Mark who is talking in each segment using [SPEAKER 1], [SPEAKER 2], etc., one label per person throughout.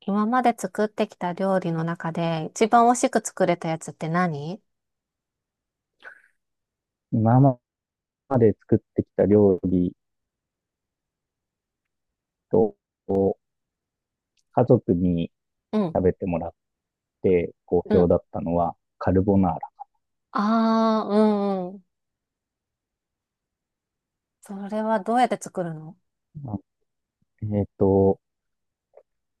[SPEAKER 1] 今まで作ってきた料理の中で一番美味しく作れたやつって何？
[SPEAKER 2] 今まで作ってきた料理と、家族に
[SPEAKER 1] うん、
[SPEAKER 2] 食べてもらって好
[SPEAKER 1] う
[SPEAKER 2] 評
[SPEAKER 1] ん。
[SPEAKER 2] だったのは、カルボナー
[SPEAKER 1] ああー、うんうん。それはどうやって作るの？
[SPEAKER 2] ラ。えっ、と、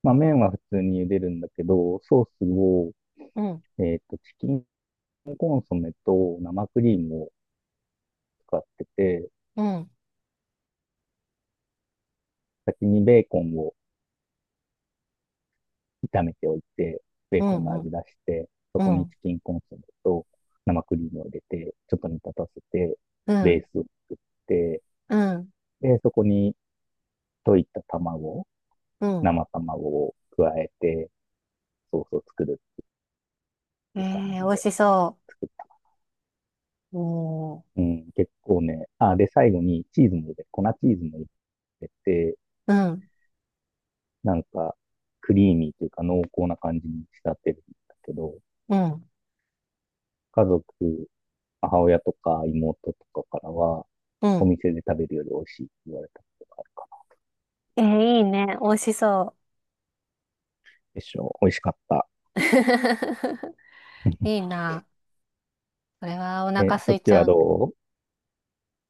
[SPEAKER 2] まあ、麺は普通に茹でるんだけど、ソースを、
[SPEAKER 1] うん、
[SPEAKER 2] チキンコンソメと生クリームを使ってて、
[SPEAKER 1] うん、
[SPEAKER 2] 先にベーコンを炒めておいて、ベー
[SPEAKER 1] う
[SPEAKER 2] コン
[SPEAKER 1] ん、
[SPEAKER 2] の
[SPEAKER 1] うん、
[SPEAKER 2] 味出して、そ
[SPEAKER 1] う
[SPEAKER 2] こにチ
[SPEAKER 1] ん、
[SPEAKER 2] キンコンソメと生クリームを入れて、ちょっと煮立たせて、
[SPEAKER 1] う
[SPEAKER 2] ベー
[SPEAKER 1] ん、
[SPEAKER 2] スを作って、
[SPEAKER 1] うん、
[SPEAKER 2] で、そこに溶いた卵
[SPEAKER 1] うん。
[SPEAKER 2] 生卵を加えて、ソースを作るっ
[SPEAKER 1] え
[SPEAKER 2] ていう感
[SPEAKER 1] ー、
[SPEAKER 2] じ
[SPEAKER 1] 美味
[SPEAKER 2] で
[SPEAKER 1] しそ
[SPEAKER 2] 作った。
[SPEAKER 1] うおー、
[SPEAKER 2] うん、結構ね、あ、で、最後にチーズも入れて、粉チーズも入れて、
[SPEAKER 1] う。うん。
[SPEAKER 2] なんか、クリーミーというか濃厚な感じに仕立てるんだけど、
[SPEAKER 1] うん、
[SPEAKER 2] 家族、母親とか妹とかからは、
[SPEAKER 1] う
[SPEAKER 2] お
[SPEAKER 1] ん。
[SPEAKER 2] 店で食べるより美味しいって言われたことがあるかな。
[SPEAKER 1] えー、いいね。美味しそ
[SPEAKER 2] でしょう。美味しかった。
[SPEAKER 1] う。い いな。これはお
[SPEAKER 2] え、
[SPEAKER 1] 腹
[SPEAKER 2] そ
[SPEAKER 1] 空
[SPEAKER 2] っ
[SPEAKER 1] い
[SPEAKER 2] ち
[SPEAKER 1] ち
[SPEAKER 2] は
[SPEAKER 1] ゃう。
[SPEAKER 2] ど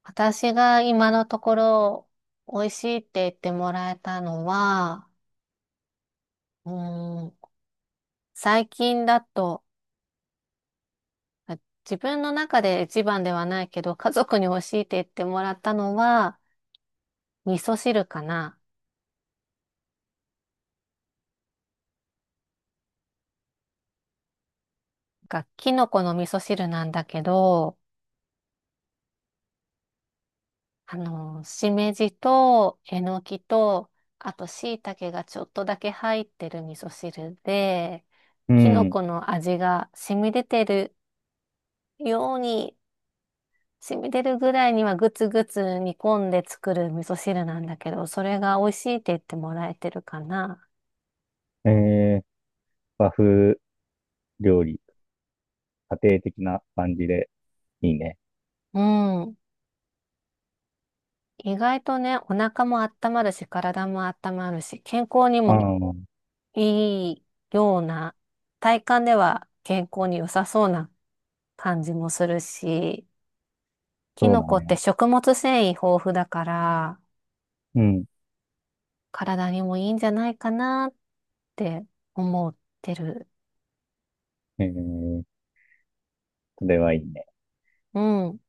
[SPEAKER 1] 私が今のところ美味しいって言ってもらえたのは、うーん、最近だと、あ、自分の中で一番ではないけど、家族に教えて言ってもらったのは、味噌汁かな。なんかキノコの味噌汁なんだけど、あの、しめじと、えのきと、あと、椎茸がちょっとだけ入ってる味噌汁で、
[SPEAKER 2] う？う
[SPEAKER 1] キノ
[SPEAKER 2] ん。
[SPEAKER 1] コの味が染み出てるように、染み出るぐらいにはぐつぐつ煮込んで作る味噌汁なんだけど、それが美味しいって言ってもらえてるかな。
[SPEAKER 2] えー、和風料理、家庭的な感じでいいね。
[SPEAKER 1] うん。意外とね、お腹も温まるし、体も温まるし、健康に
[SPEAKER 2] う
[SPEAKER 1] もい
[SPEAKER 2] ん。
[SPEAKER 1] いような、体感では健康に良さそうな感じもするし、キ
[SPEAKER 2] そう
[SPEAKER 1] ノ
[SPEAKER 2] だ
[SPEAKER 1] コって
[SPEAKER 2] ね。
[SPEAKER 1] 食物繊維豊富だから、
[SPEAKER 2] うん。
[SPEAKER 1] 体にもいいんじゃないかなって思ってる。
[SPEAKER 2] えー、それはいいね。
[SPEAKER 1] うん。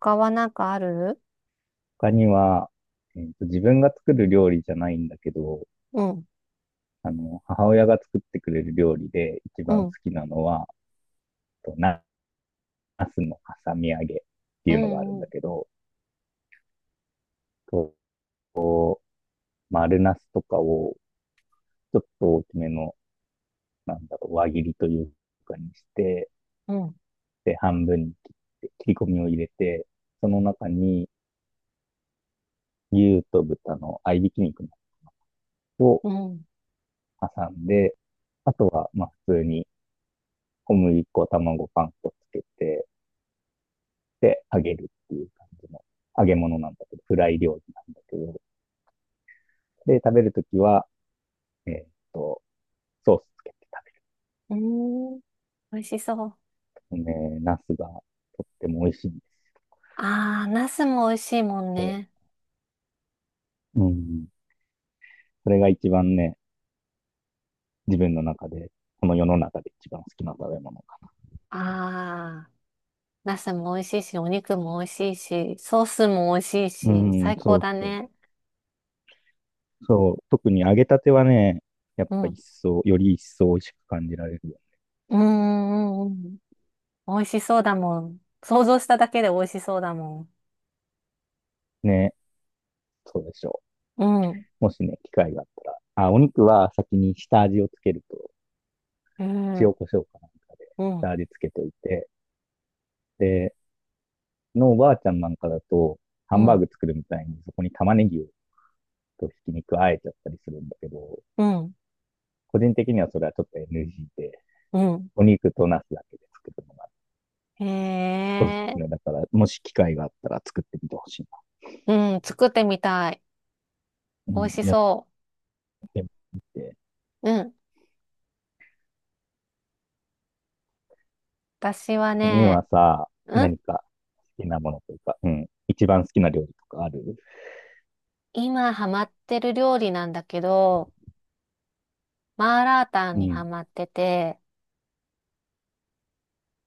[SPEAKER 1] 他はなんかある？
[SPEAKER 2] 他には、自分が作る料理じゃないんだけど、
[SPEAKER 1] うん、
[SPEAKER 2] あの、母親が作ってくれる料理で一
[SPEAKER 1] う
[SPEAKER 2] 番好
[SPEAKER 1] ん、
[SPEAKER 2] きなのは、と、な、ナスの挟み揚げって
[SPEAKER 1] う
[SPEAKER 2] いうのがあるん
[SPEAKER 1] ん、う
[SPEAKER 2] だ
[SPEAKER 1] ん、
[SPEAKER 2] けど、と、丸ナスとかをちょっと大きめの、なんだろう、輪切りというかにして、
[SPEAKER 1] うん、
[SPEAKER 2] で、半分に切って、切り込みを入れて、その中に牛と豚の合いびき肉を
[SPEAKER 1] うん。
[SPEAKER 2] 挟んで、あとは、まあ、普通に小麦粉、卵、パン粉つけて、で、揚げるっていう感じの揚げ物なんだけど、フライ料理なんだけど、で、食べるときは、えーっと、ソースつけて食
[SPEAKER 1] うーん、美味しそう。
[SPEAKER 2] べる。ね、ナスがとっても美味しいんです。
[SPEAKER 1] あー、ナスも美味しいもんね。
[SPEAKER 2] うん。それが一番ね、自分の中で、この世の中で一番好きな食べ物か
[SPEAKER 1] ああ、ナスも美味しいし、お肉も美味しいし、ソースも美味しい
[SPEAKER 2] な。う
[SPEAKER 1] し、
[SPEAKER 2] ん、
[SPEAKER 1] 最
[SPEAKER 2] そ
[SPEAKER 1] 高
[SPEAKER 2] う
[SPEAKER 1] だ
[SPEAKER 2] そう。
[SPEAKER 1] ね。
[SPEAKER 2] そう、特に揚げたてはね、やっ
[SPEAKER 1] う
[SPEAKER 2] ぱ
[SPEAKER 1] ん。
[SPEAKER 2] 一層、より一層美味しく感じられるよ
[SPEAKER 1] うーん、うん、うん。美味しそうだもん。想像しただけで美味しそうだもん。
[SPEAKER 2] ね。ね、そうでしょ
[SPEAKER 1] うん、
[SPEAKER 2] う。もしね、機会があったら。あ、お肉は先に下味をつけると、
[SPEAKER 1] う
[SPEAKER 2] 塩
[SPEAKER 1] ん、
[SPEAKER 2] コショウかなんかで
[SPEAKER 1] う
[SPEAKER 2] 下
[SPEAKER 1] ん、
[SPEAKER 2] 味つけといて、で、のおばあちゃんなんかだと、ハ
[SPEAKER 1] う
[SPEAKER 2] ンバーグ
[SPEAKER 1] ん、
[SPEAKER 2] 作るみたいに、そこに玉ねぎとひき肉あえちゃったりするんだけど、
[SPEAKER 1] うん、
[SPEAKER 2] 個人的にはそれはちょっと NG で、
[SPEAKER 1] うん。
[SPEAKER 2] お肉とナスだけで作るのが
[SPEAKER 1] へ
[SPEAKER 2] おすす
[SPEAKER 1] え、
[SPEAKER 2] めだから、もし機会があったら作ってみてほしい
[SPEAKER 1] うん、作ってみたい。
[SPEAKER 2] な。う
[SPEAKER 1] 美味
[SPEAKER 2] ん、
[SPEAKER 1] し
[SPEAKER 2] やっ
[SPEAKER 1] そ
[SPEAKER 2] てみて。
[SPEAKER 1] う。うん。私は
[SPEAKER 2] 他に
[SPEAKER 1] ね、
[SPEAKER 2] はさ、
[SPEAKER 1] うん、
[SPEAKER 2] 何か好きなものというか、うん、一番好きな料理とかある？
[SPEAKER 1] 今ハマってる料理なんだけど、マーラータン
[SPEAKER 2] う
[SPEAKER 1] にハ
[SPEAKER 2] ん。
[SPEAKER 1] マってて、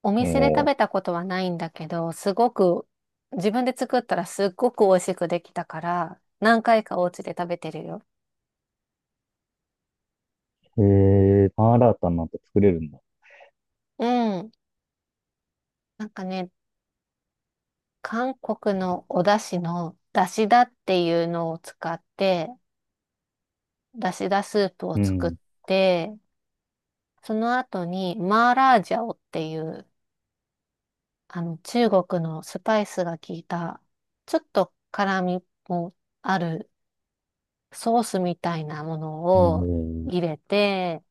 [SPEAKER 1] お店で食
[SPEAKER 2] も
[SPEAKER 1] べたことはないんだけど、すごく、自分で作ったらすっごく美味しくできたから、何回かお家で食べてるよ。
[SPEAKER 2] う、へえ、パンアラータなんて作れるんだ。
[SPEAKER 1] うん。なんかね、韓国のお出汁の、出汁だっていうのを使って、出汁だスープを
[SPEAKER 2] う
[SPEAKER 1] 作っ
[SPEAKER 2] ん。
[SPEAKER 1] て、その後に、マーラージャオっていう、あの、中国のスパイスが効いた、ちょっと辛みもあるソースみたいなもの
[SPEAKER 2] へ
[SPEAKER 1] を
[SPEAKER 2] え。
[SPEAKER 1] 入れて、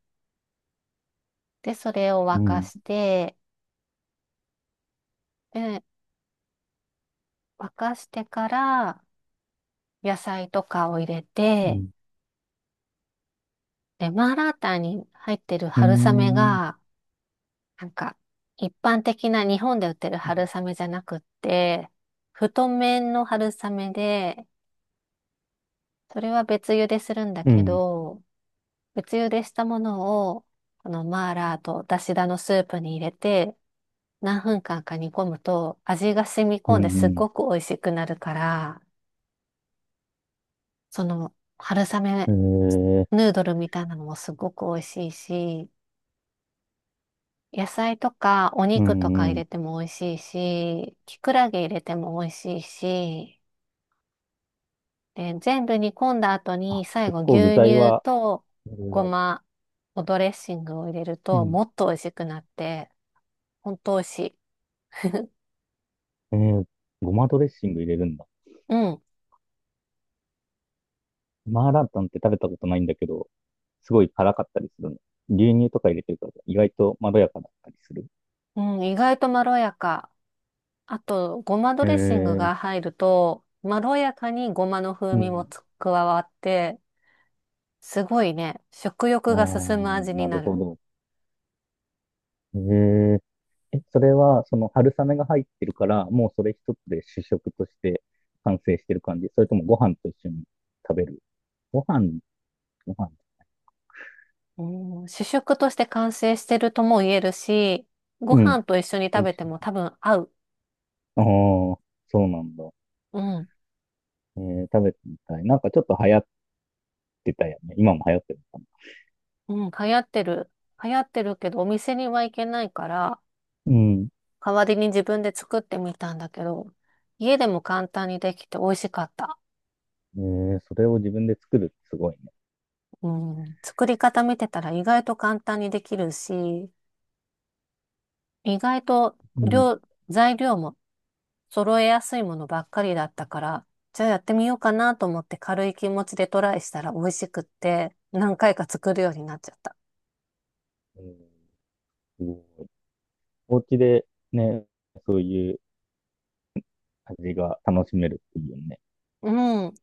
[SPEAKER 1] で、それを
[SPEAKER 2] う
[SPEAKER 1] 沸か
[SPEAKER 2] ん。
[SPEAKER 1] して、で、沸かしてから野菜とかを入れ
[SPEAKER 2] う
[SPEAKER 1] て、
[SPEAKER 2] ん。
[SPEAKER 1] で、マーラータンに入ってる
[SPEAKER 2] うー
[SPEAKER 1] 春雨
[SPEAKER 2] ん。
[SPEAKER 1] が、なんか、一般的な日本で売ってる春
[SPEAKER 2] う
[SPEAKER 1] 雨じゃなくって、太麺の春雨で、それは別茹でするんだけ
[SPEAKER 2] ん。
[SPEAKER 1] ど、別茹でしたものを、このマーラーとだしだのスープに入れて、何分間か煮込むと味が染み
[SPEAKER 2] う
[SPEAKER 1] 込んですっ
[SPEAKER 2] ん。
[SPEAKER 1] ごく美味しくなるから、その、春
[SPEAKER 2] う
[SPEAKER 1] 雨
[SPEAKER 2] ん。えー、
[SPEAKER 1] ヌードルみたいなのもすごく美味しいし、野菜とかお
[SPEAKER 2] う
[SPEAKER 1] 肉とか
[SPEAKER 2] ん。う
[SPEAKER 1] 入
[SPEAKER 2] ん。
[SPEAKER 1] れても美味しいし、きくらげ入れても美味しいし、で、全部煮込んだ後
[SPEAKER 2] あ、
[SPEAKER 1] に最
[SPEAKER 2] 結
[SPEAKER 1] 後
[SPEAKER 2] 構具
[SPEAKER 1] 牛
[SPEAKER 2] 材
[SPEAKER 1] 乳
[SPEAKER 2] は、
[SPEAKER 1] と
[SPEAKER 2] いろい
[SPEAKER 1] ご
[SPEAKER 2] ろある。
[SPEAKER 1] まおドレッシングを入れる
[SPEAKER 2] う
[SPEAKER 1] と
[SPEAKER 2] ん。
[SPEAKER 1] もっと美味しくなって、ほんと美味しい。
[SPEAKER 2] えー、ごまドレッシング入れるんだ。
[SPEAKER 1] うん。
[SPEAKER 2] マーラータンって食べたことないんだけど、すごい辛かったりするの？牛乳とか入れてるから、意外とまろやかだったりする。
[SPEAKER 1] うん、意外とまろやか。あと、ごまド
[SPEAKER 2] え
[SPEAKER 1] レッシング
[SPEAKER 2] ー、
[SPEAKER 1] が入ると、まろやかにごまの風
[SPEAKER 2] う
[SPEAKER 1] 味も
[SPEAKER 2] ん。
[SPEAKER 1] つ加わって、すごいね。食
[SPEAKER 2] あ
[SPEAKER 1] 欲が進む味
[SPEAKER 2] あ、
[SPEAKER 1] に
[SPEAKER 2] な
[SPEAKER 1] な
[SPEAKER 2] るほ
[SPEAKER 1] る。
[SPEAKER 2] ど。えー、え、それは、その春雨が入ってるから、もうそれ一つで主食として完成してる感じ？それともご飯と一緒に食べる？ご飯、ご飯。
[SPEAKER 1] うん、主食として完成してるとも言えるし、ご
[SPEAKER 2] うん。
[SPEAKER 1] 飯と一緒に
[SPEAKER 2] と
[SPEAKER 1] 食
[SPEAKER 2] 一
[SPEAKER 1] べて
[SPEAKER 2] 緒
[SPEAKER 1] も
[SPEAKER 2] に。
[SPEAKER 1] 多分合う。
[SPEAKER 2] ああ、そうなんだ。
[SPEAKER 1] うん。
[SPEAKER 2] えー、食べてみたい。なんかちょっと流行ってたよね。今も流行ってるのか
[SPEAKER 1] うん、流行ってる。流行ってるけど、お店には行けないから、
[SPEAKER 2] な？うん。
[SPEAKER 1] 代わりに自分で作ってみたんだけど、家でも簡単にできて美味しかった。
[SPEAKER 2] えー、それを自分で作るってすごいね。
[SPEAKER 1] うん、作り方見てたら意外と簡単にできるし、意外と
[SPEAKER 2] うん。
[SPEAKER 1] 量、材料も揃えやすいものばっかりだったから、じゃあやってみようかなと思って軽い気持ちでトライしたら美味しくって、何回か作るようになっちゃった。
[SPEAKER 2] うん、すごい。お家でね、そういう味が楽しめるっていうね。
[SPEAKER 1] うん。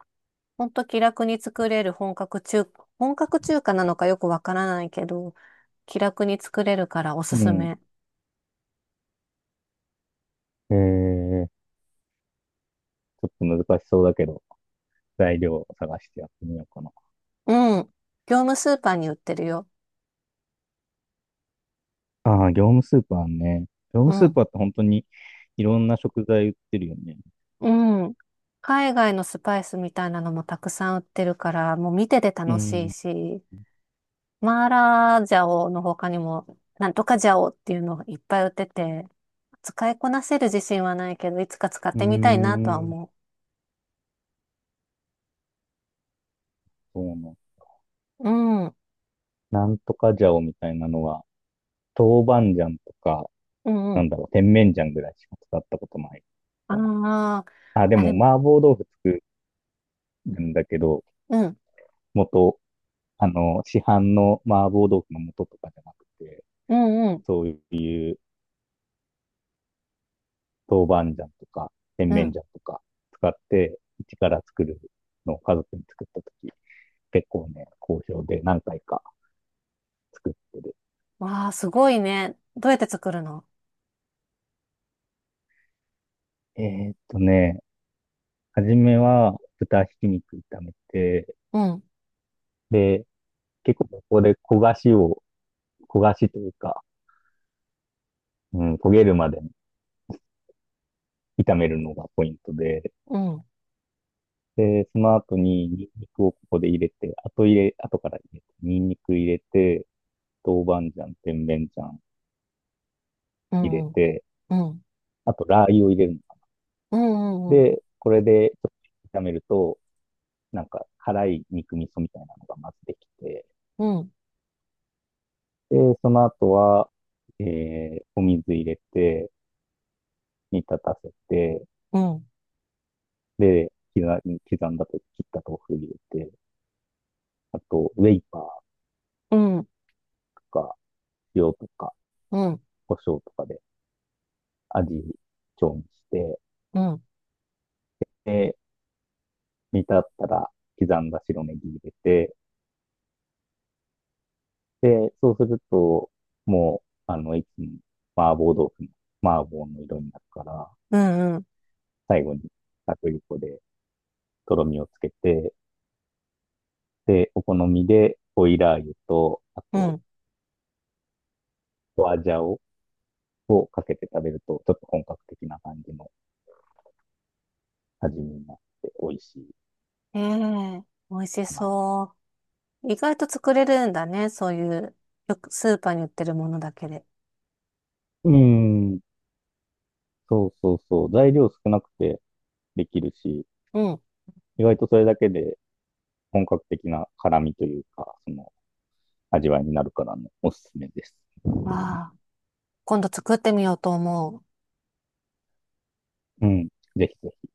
[SPEAKER 1] ほんと気楽に作れる本格中華なのかよくわからないけど、気楽に作れるからおす
[SPEAKER 2] う
[SPEAKER 1] す
[SPEAKER 2] ん。
[SPEAKER 1] め。
[SPEAKER 2] えー、ちょっと難しそうだけど、材料を探してやってみようかな。
[SPEAKER 1] うん。業務スーパーに売ってるよ。
[SPEAKER 2] ああ、業務スーパーね。業
[SPEAKER 1] う
[SPEAKER 2] 務スー
[SPEAKER 1] ん。
[SPEAKER 2] パーって本当にいろんな食材売ってるよね。
[SPEAKER 1] うん。海外のスパイスみたいなのもたくさん売ってるから、もう見てて
[SPEAKER 2] う
[SPEAKER 1] 楽しい
[SPEAKER 2] ん。
[SPEAKER 1] し、マーラージャオの他にも、なんとかジャオっていうのがいっぱい売ってて、使いこなせる自信はないけど、いつか使っ
[SPEAKER 2] うー
[SPEAKER 1] てみたいなとは
[SPEAKER 2] ん、
[SPEAKER 1] 思
[SPEAKER 2] そうなんだ。
[SPEAKER 1] う。うん、う
[SPEAKER 2] なんとか醤みたいなのは、豆板醤とか、
[SPEAKER 1] ん、う
[SPEAKER 2] なん
[SPEAKER 1] ん。
[SPEAKER 2] だろう、甜麺醤ぐらいしか使ったことない
[SPEAKER 1] あ
[SPEAKER 2] かな。
[SPEAKER 1] あ、
[SPEAKER 2] あ、で
[SPEAKER 1] あ
[SPEAKER 2] も
[SPEAKER 1] れ、うん、
[SPEAKER 2] 麻婆豆腐作るんだけど、元、あの、市販の麻婆豆腐の素とかじゃなくて、
[SPEAKER 1] うん、うん、
[SPEAKER 2] そういう豆板醤とか、甜
[SPEAKER 1] う
[SPEAKER 2] 麺
[SPEAKER 1] ん。
[SPEAKER 2] 醤とか使って、一から作るのを家族に作ったとき、結構ね、好評で何回か作ってる。
[SPEAKER 1] わあ、すごいね。どうやって作るの？
[SPEAKER 2] えーっとね、初めは豚ひき肉炒めて、
[SPEAKER 1] うん、
[SPEAKER 2] で、結構ここで焦がしを、焦がしというか、うん、焦げるまで炒めるのがポイントで、
[SPEAKER 1] うん、
[SPEAKER 2] で、その後にニンニクをここで入れて、後入れ、後から入れて、ニンニク入れて、豆板醤、甜麺醤
[SPEAKER 1] う
[SPEAKER 2] 入れ
[SPEAKER 1] ん、うん、
[SPEAKER 2] て、
[SPEAKER 1] うん、
[SPEAKER 2] あとラー油を入れるのか。
[SPEAKER 1] うん、うん、
[SPEAKER 2] で、これでちょっと炒めると、なんか辛い肉味噌みたいなのがまずできて、
[SPEAKER 1] うん、
[SPEAKER 2] で、その後は、えー、お水入れて、煮立たせて、
[SPEAKER 1] うん、
[SPEAKER 2] で、刻んだと切った豆腐入れて、あと、ウェイパー
[SPEAKER 1] うん、
[SPEAKER 2] とか、塩とか、
[SPEAKER 1] うん、うん、
[SPEAKER 2] 胡椒とかで味調にして、
[SPEAKER 1] うん、
[SPEAKER 2] で、煮立ったら刻んだ白ネギ入れて、で、そうすると、もう、あの、一気に麻婆豆腐の麻婆の色になるから、
[SPEAKER 1] うん。
[SPEAKER 2] 最後に薄力粉でとろみをつけて、で、お好みでオイラー油と、あ
[SPEAKER 1] う
[SPEAKER 2] と、
[SPEAKER 1] ん
[SPEAKER 2] 花椒をかけて食べると、ちょっと本格的な感じの味になって美味しい
[SPEAKER 1] ええ、美味し
[SPEAKER 2] かな。
[SPEAKER 1] そう。意外と作れるんだね。そういう、よくスーパーに売ってるものだけで。
[SPEAKER 2] うーん。そうそうそう。材料少なくてできるし、
[SPEAKER 1] うん。
[SPEAKER 2] 意外とそれだけで本格的な辛みというか、その味わいになるからね、おすすめです。
[SPEAKER 1] ああ、今度作ってみようと思う。
[SPEAKER 2] うん。ぜひぜひ。